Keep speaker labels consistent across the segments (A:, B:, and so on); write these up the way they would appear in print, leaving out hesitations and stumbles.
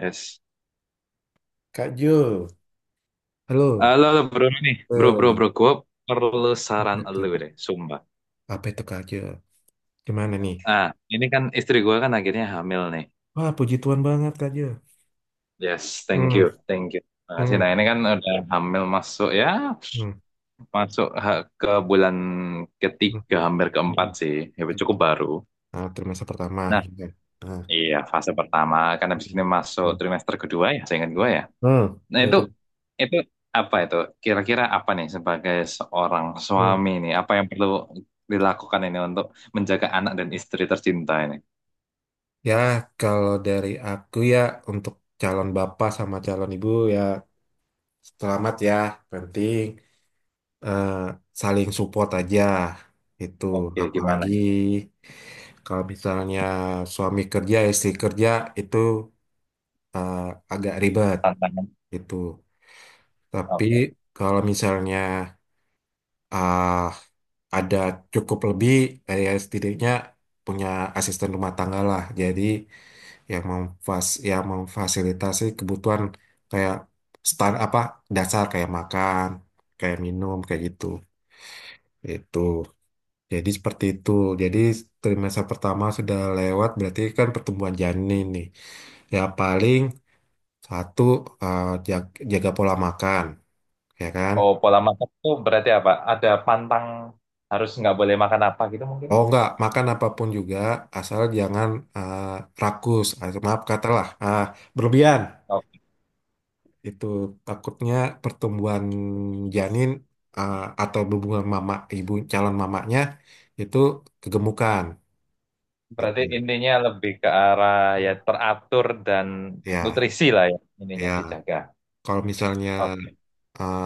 A: Yes.
B: Kak Jo, halo.
A: Halo, halo, bro nih. Bro, bro,
B: Eh,
A: bro. Gue perlu
B: Apa
A: saran
B: itu?
A: lu deh, sumpah.
B: Apa itu Kak Jo? Gimana nih?
A: Ah, ini kan istri gue kan akhirnya hamil nih.
B: Wah, puji Tuhan banget Kak Jo.
A: Yes, thank
B: Hmm,
A: you, thank you. Makasih.
B: hmm,
A: Nah, ini kan udah hamil masuk ya,
B: hmm,
A: masuk ke bulan
B: hmm,
A: ketiga, hampir keempat
B: hmm.
A: sih. Ya, cukup baru.
B: Nah, trimester pertama.
A: Nah,
B: Gitu. Nah,
A: iya, fase pertama. Kan habis
B: hmm,
A: ini masuk
B: hmm,
A: trimester kedua ya, seingat gue ya.
B: hmm,
A: Nah
B: udah
A: itu
B: tuh.
A: itu apa itu? Kira-kira apa nih sebagai seorang
B: Hmm.
A: suami nih? Apa yang perlu dilakukan ini untuk menjaga anak dan istri tercinta ini?
B: Ya, kalau dari aku ya untuk calon bapak sama calon ibu ya selamat ya, penting. eh, Saling support aja itu
A: Oke, gimana,
B: apalagi
A: ya?
B: kalau misalnya suami kerja istri kerja itu eh, agak ribet
A: Tantangan?
B: itu tapi
A: Oke.
B: kalau misalnya ah, ada cukup lebih ya setidaknya punya asisten rumah tangga lah, jadi yang memfasilitasi kebutuhan kayak start apa dasar kayak makan kayak minum kayak gitu itu. Jadi seperti itu. Jadi trimester pertama sudah lewat, berarti kan pertumbuhan janin nih. Ya paling satu jaga pola makan, ya kan?
A: Oh, pola makan itu berarti apa? Ada pantang harus nggak boleh makan apa gitu mungkin?
B: Oh enggak, makan apapun juga asal jangan eh, rakus, ah, maaf katalah ah, berlebihan.
A: Oke.
B: Itu takutnya pertumbuhan janin eh, atau hubungan mama ibu calon mamanya itu kegemukan
A: Berarti
B: gitu.
A: intinya lebih ke arah ya teratur dan
B: Ya,
A: nutrisi lah ya ininya
B: ya.
A: dijaga.
B: Kalau misalnya
A: Oke.
B: uh,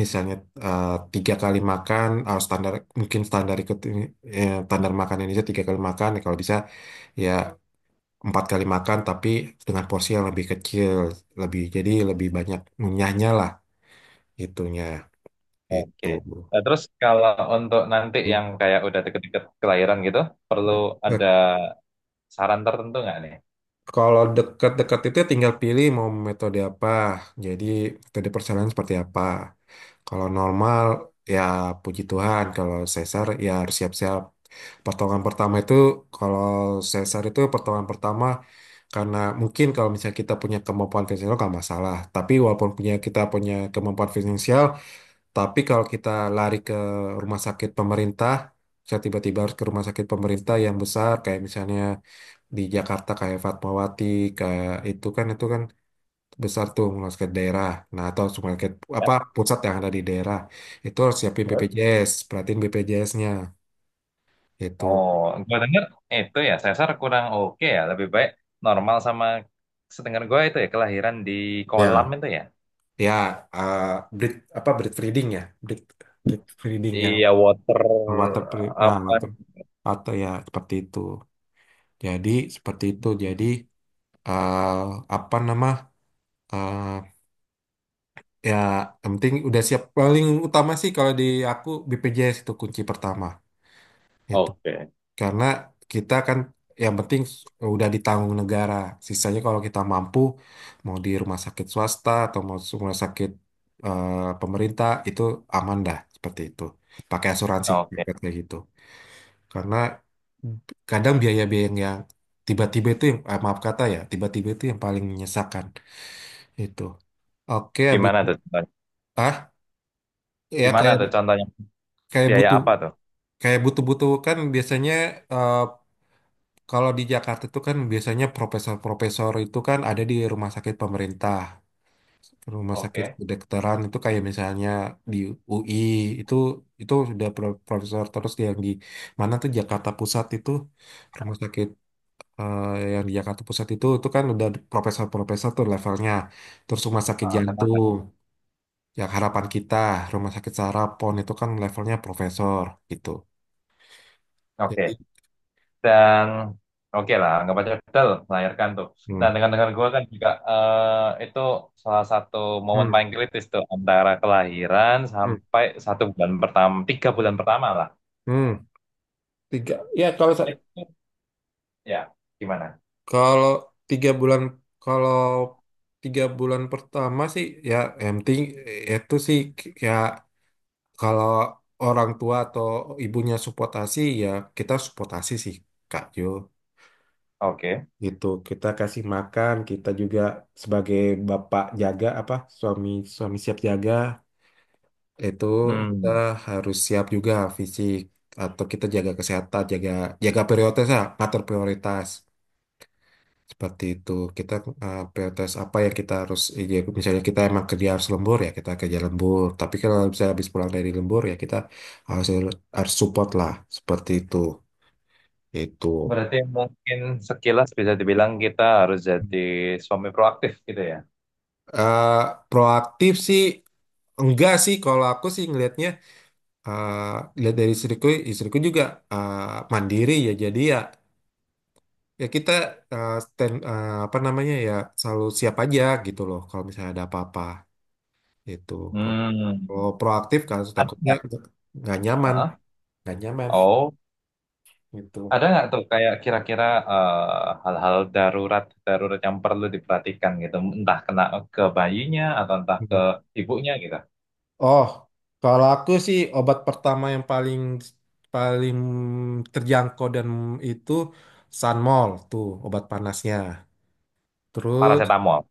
B: misalnya uh, tiga kali makan standar mungkin standar ikut ini standar makan Indonesia tiga kali makan ya kalau bisa ya 4 kali makan tapi dengan porsi yang lebih kecil, lebih jadi lebih banyak ngunyahnya lah itunya itu.
A: Oke. Nah, terus kalau untuk nanti yang kayak udah deket-deket kelahiran gitu, perlu
B: Eh,
A: ada saran tertentu nggak nih?
B: Kalau dekat-dekat itu ya tinggal pilih mau metode apa. Jadi metode persalinan seperti apa. Kalau normal ya puji Tuhan. Kalau sesar ya harus siap-siap. Pertolongan pertama itu kalau sesar itu pertolongan pertama karena mungkin kalau misalnya kita punya kemampuan finansial nggak masalah. Tapi walaupun punya kemampuan finansial, tapi kalau kita lari ke rumah sakit pemerintah, saya tiba-tiba harus ke rumah sakit pemerintah yang besar kayak misalnya di Jakarta kayak Fatmawati, kayak itu kan besar tuh rumah sakit daerah. Nah, atau rumah sakit
A: Ya,
B: apa pusat yang ada di daerah. Itu harus siapin
A: terus?
B: BPJS, perhatiin BPJS-nya itu.
A: Oh, gue denger itu ya sesar kurang oke ya, lebih baik normal, sama sedengar gue itu ya kelahiran di kolam
B: Ya.
A: itu ya.
B: Ya eh, breed breed breeding yang
A: Iya, water
B: water
A: apa?
B: water atau ya jadi seperti itu jadi
A: Hmm.
B: eh, apa nama eh, ya yang penting udah siap paling utama sih kalau di aku BPJS itu kunci pertama.
A: Oke.
B: Karena kita kan yang penting udah ditanggung negara. Sisanya kalau kita mampu mau di rumah sakit swasta atau mau di rumah sakit pemerintah itu aman dah seperti itu. Pakai asuransi
A: Oke,
B: privat kayak gitu. Karena kadang biaya-biaya yang tiba-tiba itu yang maaf kata ya, tiba-tiba itu yang paling menyesakan itu. Oke, habis
A: gimana tuh contohnya?
B: ah ya
A: Gimana
B: kayak
A: tuh contohnya?
B: kayak
A: Biaya
B: butuh
A: apa tuh?
B: kayak butuh-butuh kan biasanya eh, kalau di Jakarta itu kan biasanya profesor-profesor itu kan ada di rumah sakit pemerintah, rumah sakit
A: Oke.
B: kedokteran itu kayak misalnya di UI itu itu sudah profesor terus yang di mana tuh Jakarta Pusat itu rumah sakit eh, yang di Jakarta Pusat itu kan udah profesor-profesor tuh levelnya. Terus rumah sakit
A: Ah, kenapa?
B: jantung yang harapan kita, rumah sakit saraf PON itu kan levelnya profesor gitu. Jadi,
A: Oke. Dan oke lah anggap aja Fidel melahirkan tuh,
B: hmm,
A: nah dengan gue kan juga itu salah satu momen
B: hmm,
A: paling kritis tuh antara kelahiran
B: hmm,
A: sampai satu bulan pertama, tiga bulan pertama lah
B: hmm. Tiga. Ya kalau
A: itu, ya gimana?
B: Kalau tiga bulan kalau tiga bulan pertama sih ya yang penting itu sih ya kalau orang tua atau ibunya supportasi ya kita supportasi sih Kak Jo
A: Oke.
B: gitu kita kasih makan kita juga sebagai bapak jaga apa suami suami siap jaga itu kita
A: Hmm,
B: harus siap juga fisik atau kita jaga kesehatan jaga jaga prioritas ya, ngatur prioritas. Seperti itu, kita prioritas apa yang kita harus, ya, misalnya kita emang kerja harus lembur ya, kita kerja lembur. Tapi kalau misalnya habis pulang dari lembur ya kita harus, harus support lah, seperti itu. Itu.
A: berarti mungkin sekilas bisa dibilang kita harus jadi suami proaktif gitu ya.
B: eh proaktif sih enggak sih kalau aku sih ngelihatnya eh lihat dari istriku istriku juga eh, mandiri ya jadi ya kita apa namanya ya selalu siap aja gitu loh kalau misalnya ada apa-apa itu.
A: Hmm,
B: Kalau proaktif kan
A: ada
B: takutnya
A: nggak?
B: nggak nyaman,
A: Heeh.
B: nggak nyaman
A: Oh,
B: gitu.
A: ada nggak tuh kayak kira-kira hal-hal darurat darurat yang perlu diperhatikan gitu, entah kena ke bayinya atau entah ke
B: Hmm.
A: ibunya gitu.
B: Oh, kalau aku sih obat pertama yang paling paling terjangkau dan itu Sanmol tuh obat panasnya. Terus
A: Paracetamol,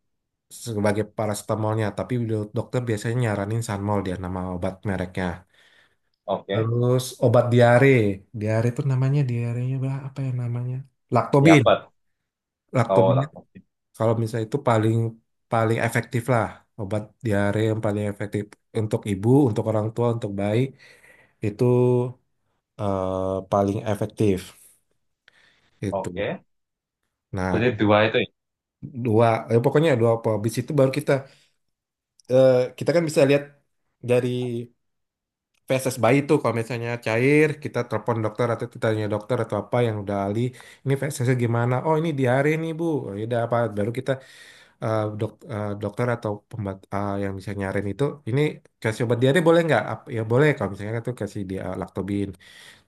B: sebagai paracetamolnya, tapi dokter biasanya nyaranin Sanmol dia nama obat mereknya.
A: oke.
B: Terus obat diare, diare itu namanya diarenya apa ya namanya? Laktobin.
A: Yapet, oh
B: Laktobin
A: lakukan.
B: kalau misalnya itu paling paling efektif lah obat diare yang paling efektif untuk ibu, untuk orang tua, untuk bayi itu paling efektif itu.
A: Oke.
B: Nah,
A: Berarti dua itu, ya.
B: dua pokoknya dua apa, habis itu baru kita kita kan bisa lihat dari feses bayi tuh kalau misalnya cair kita telepon dokter atau kita tanya dokter atau apa yang udah ahli ini fesesnya gimana oh ini diare nih bu. Oh, ya udah apa baru kita dokter atau yang bisa nyarin itu ini kasih obat diare boleh nggak? Ya boleh kalau misalnya itu kasih dia laktobin.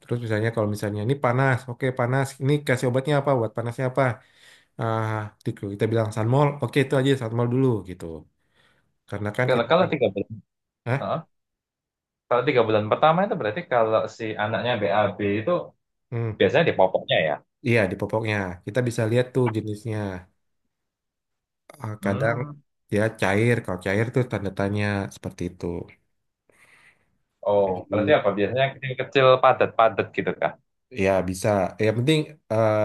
B: Terus misalnya kalau misalnya ini panas, oke panas. Ini kasih obatnya apa? Buat panasnya apa? Ah, kita bilang Sanmol, oke itu aja Sanmol dulu gitu. Karena kan
A: Kalau
B: kita
A: kalau
B: kan,
A: tiga bulan,
B: hah?
A: heeh, kalau tiga bulan pertama itu berarti kalau si anaknya BAB itu
B: Hmm.
A: biasanya di popoknya ya.
B: Iya di popoknya kita bisa lihat tuh jenisnya. Ah, kadang
A: Hmm.
B: ya cair, kalau cair tuh tanda tanya seperti itu.
A: Oh, berarti
B: Jadi,
A: apa? Biasanya kecil-kecil padat-padat gitu kah?
B: ya bisa. Yang penting eh,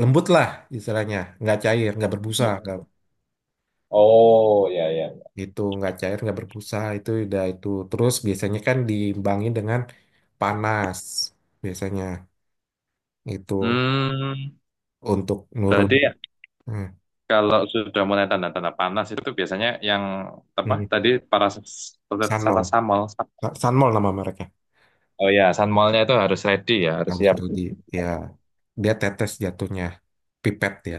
B: lembut lah istilahnya nggak cair nggak berbusa nggak
A: Oh, ya ya, ya.
B: itu nggak cair nggak berbusa itu udah itu terus biasanya kan diimbangin dengan panas biasanya itu
A: Hmm,
B: untuk nurun.
A: berarti
B: hmm.
A: kalau sudah mulai tanda-tanda panas itu biasanya yang apa
B: hmm.
A: tadi,
B: Sanmol
A: paracetamol.
B: Sanmol nama mereka
A: Oh ya, sunmolnya itu harus ready ya, harus
B: harus
A: siap.
B: ready ya dia tetes jatuhnya pipet ya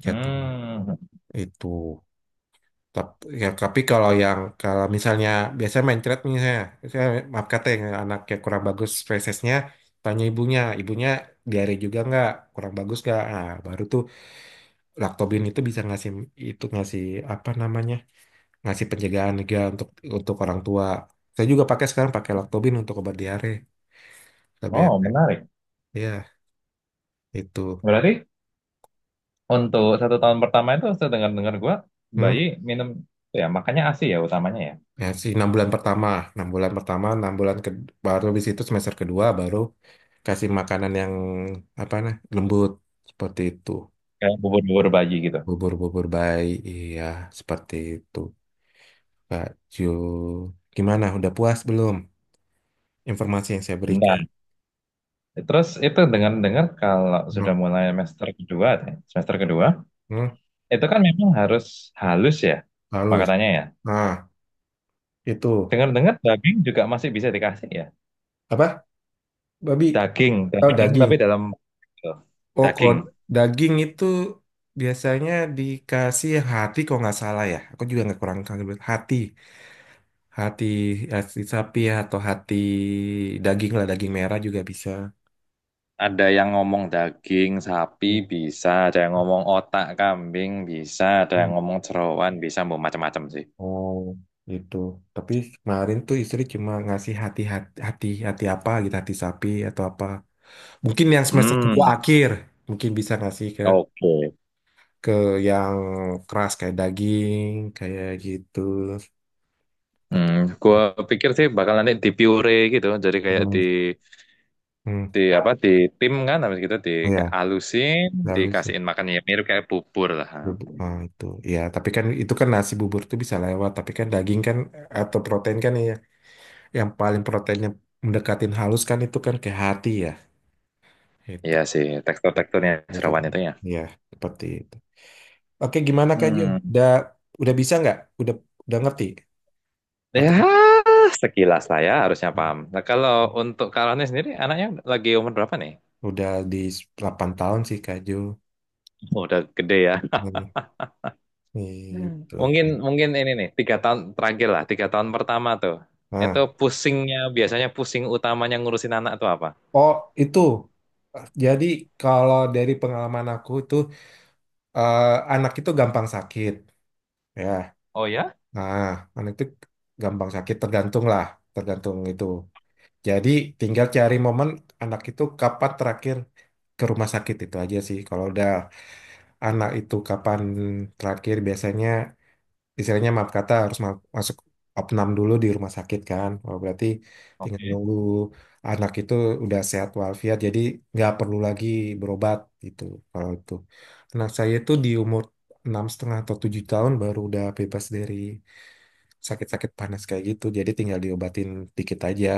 B: jatuh
A: Hmm.
B: itu. Tap- Ya, tapi kalau yang kalau misalnya biasanya main trade misalnya, saya maaf kata yang anaknya kurang bagus spesiesnya, tanya ibunya, ibunya diare juga nggak kurang bagus nggak, nah, baru tuh Lactobin itu bisa ngasih itu ngasih apa namanya ngasih penjagaan juga untuk orang tua. Saya juga pakai sekarang pakai Lactobin untuk obat diare, tapi
A: Oh, menarik.
B: ya itu.
A: Berarti untuk satu tahun pertama itu saya dengar-dengar gua
B: Hmm?
A: bayi minum ya makanya ASI ya utamanya ya.
B: Ya sih 6 bulan pertama enam bulan ke, baru di situ semester kedua baru kasih makanan yang apa nah lembut seperti itu
A: Kayak bubur-bubur bayi gitu.
B: bubur-bubur bayi iya seperti itu Kak Ju gimana udah puas belum informasi yang saya berikan.
A: Bentar. Terus itu dengar-dengar kalau sudah
B: hmm,
A: mulai semester kedua, ya semester kedua,
B: hmm,
A: itu kan memang harus halus ya
B: halus
A: makanannya ya.
B: nah itu
A: Dengar-dengar daging juga masih bisa dikasih ya.
B: apa babi
A: Daging,
B: oh
A: daging
B: daging
A: tapi dalam
B: oh kalau
A: daging.
B: daging itu biasanya dikasih hati kalau nggak salah ya aku juga nggak kurang kurang hati. Hati, hati sapi ya, atau hati daging lah, daging merah juga bisa.
A: Ada yang ngomong daging sapi
B: Hmm.
A: bisa, ada yang ngomong otak kambing bisa, ada yang ngomong jeroan bisa, mau macam-macam sih.
B: Oh, gitu. Tapi kemarin tuh istri cuma ngasih hati hati hati, hati apa gitu, hati sapi atau apa. Mungkin yang semester kedua
A: Hmm,
B: akhir, mungkin bisa ngasih
A: oke.
B: ke yang keras kayak daging, kayak gitu. Seperti
A: Hmm, gua
B: itu.
A: pikir sih bakal nanti di puree gitu, jadi kayak
B: Hmm. Hmm.
A: di apa di tim kan, habis gitu di
B: Oh ya,
A: alusin,
B: lalu sih.
A: dikasihin makan ya mirip kayak bubur lah.
B: Bubur, ah, itu ya tapi kan itu kan nasi bubur tuh bisa lewat tapi kan daging kan atau protein kan ya, yang paling proteinnya mendekatin halus kan itu kan ke hati ya itu
A: Iya sih, tekstur-teksturnya
B: dekat
A: jeroan itu ya.
B: ya seperti itu. Oke gimana Kak Jo
A: Hmm.
B: udah udah bisa nggak udah udah ngerti
A: Ya,
B: atau
A: sekilas lah ya harusnya paham. Nah, kalau untuk Karolnya sendiri, anaknya lagi umur berapa nih?
B: udah di 8 tahun sih Kak Jo.
A: Oh, udah gede ya.
B: Hmm,
A: Hmm.
B: itu
A: Mungkin mungkin ini nih, tiga tahun terakhir lah, tiga tahun pertama tuh. Itu
B: nah
A: pusingnya, biasanya pusing utamanya ngurusin anak tuh apa?
B: oh itu jadi kalau dari pengalaman aku itu eh, anak itu gampang sakit ya
A: Oh ya?
B: nah anak itu gampang sakit tergantung lah tergantung itu. Jadi tinggal cari momen anak itu kapan terakhir ke rumah sakit itu aja sih. Kalau udah anak itu kapan terakhir biasanya istilahnya maaf kata harus masuk opnam dulu di rumah sakit kan. Oh, berarti tinggal
A: Oke.
B: nunggu anak itu udah sehat walafiat jadi nggak perlu lagi berobat gitu kalau itu. Anak saya itu di umur 6,5 atau 7 tahun baru udah bebas dari sakit-sakit panas kayak gitu. Jadi tinggal diobatin dikit aja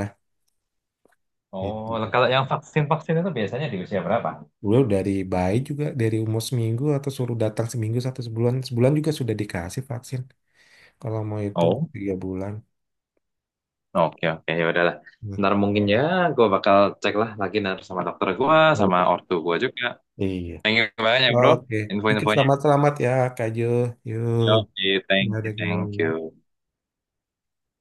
A: Oh,
B: gitu.
A: kalau yang vaksin-vaksin itu biasanya di usia berapa?
B: Beliau dari bayi juga dari umur seminggu atau suruh datang seminggu satu sebulan sebulan juga sudah dikasih vaksin kalau mau itu
A: Oh,
B: 3 bulan.
A: oke oke ya udahlah.
B: Nah,
A: Ntar mungkin ya, gue bakal cek lah lagi ntar sama dokter gue,
B: hmm.
A: sama ortu gue juga.
B: Iya.
A: Thank you banyak ya bro,
B: Oke, oke,
A: info-info.
B: selamat-selamat ya Kak Jo. Yuk,
A: Oke, thank
B: ada
A: you, thank
B: yuk.
A: you.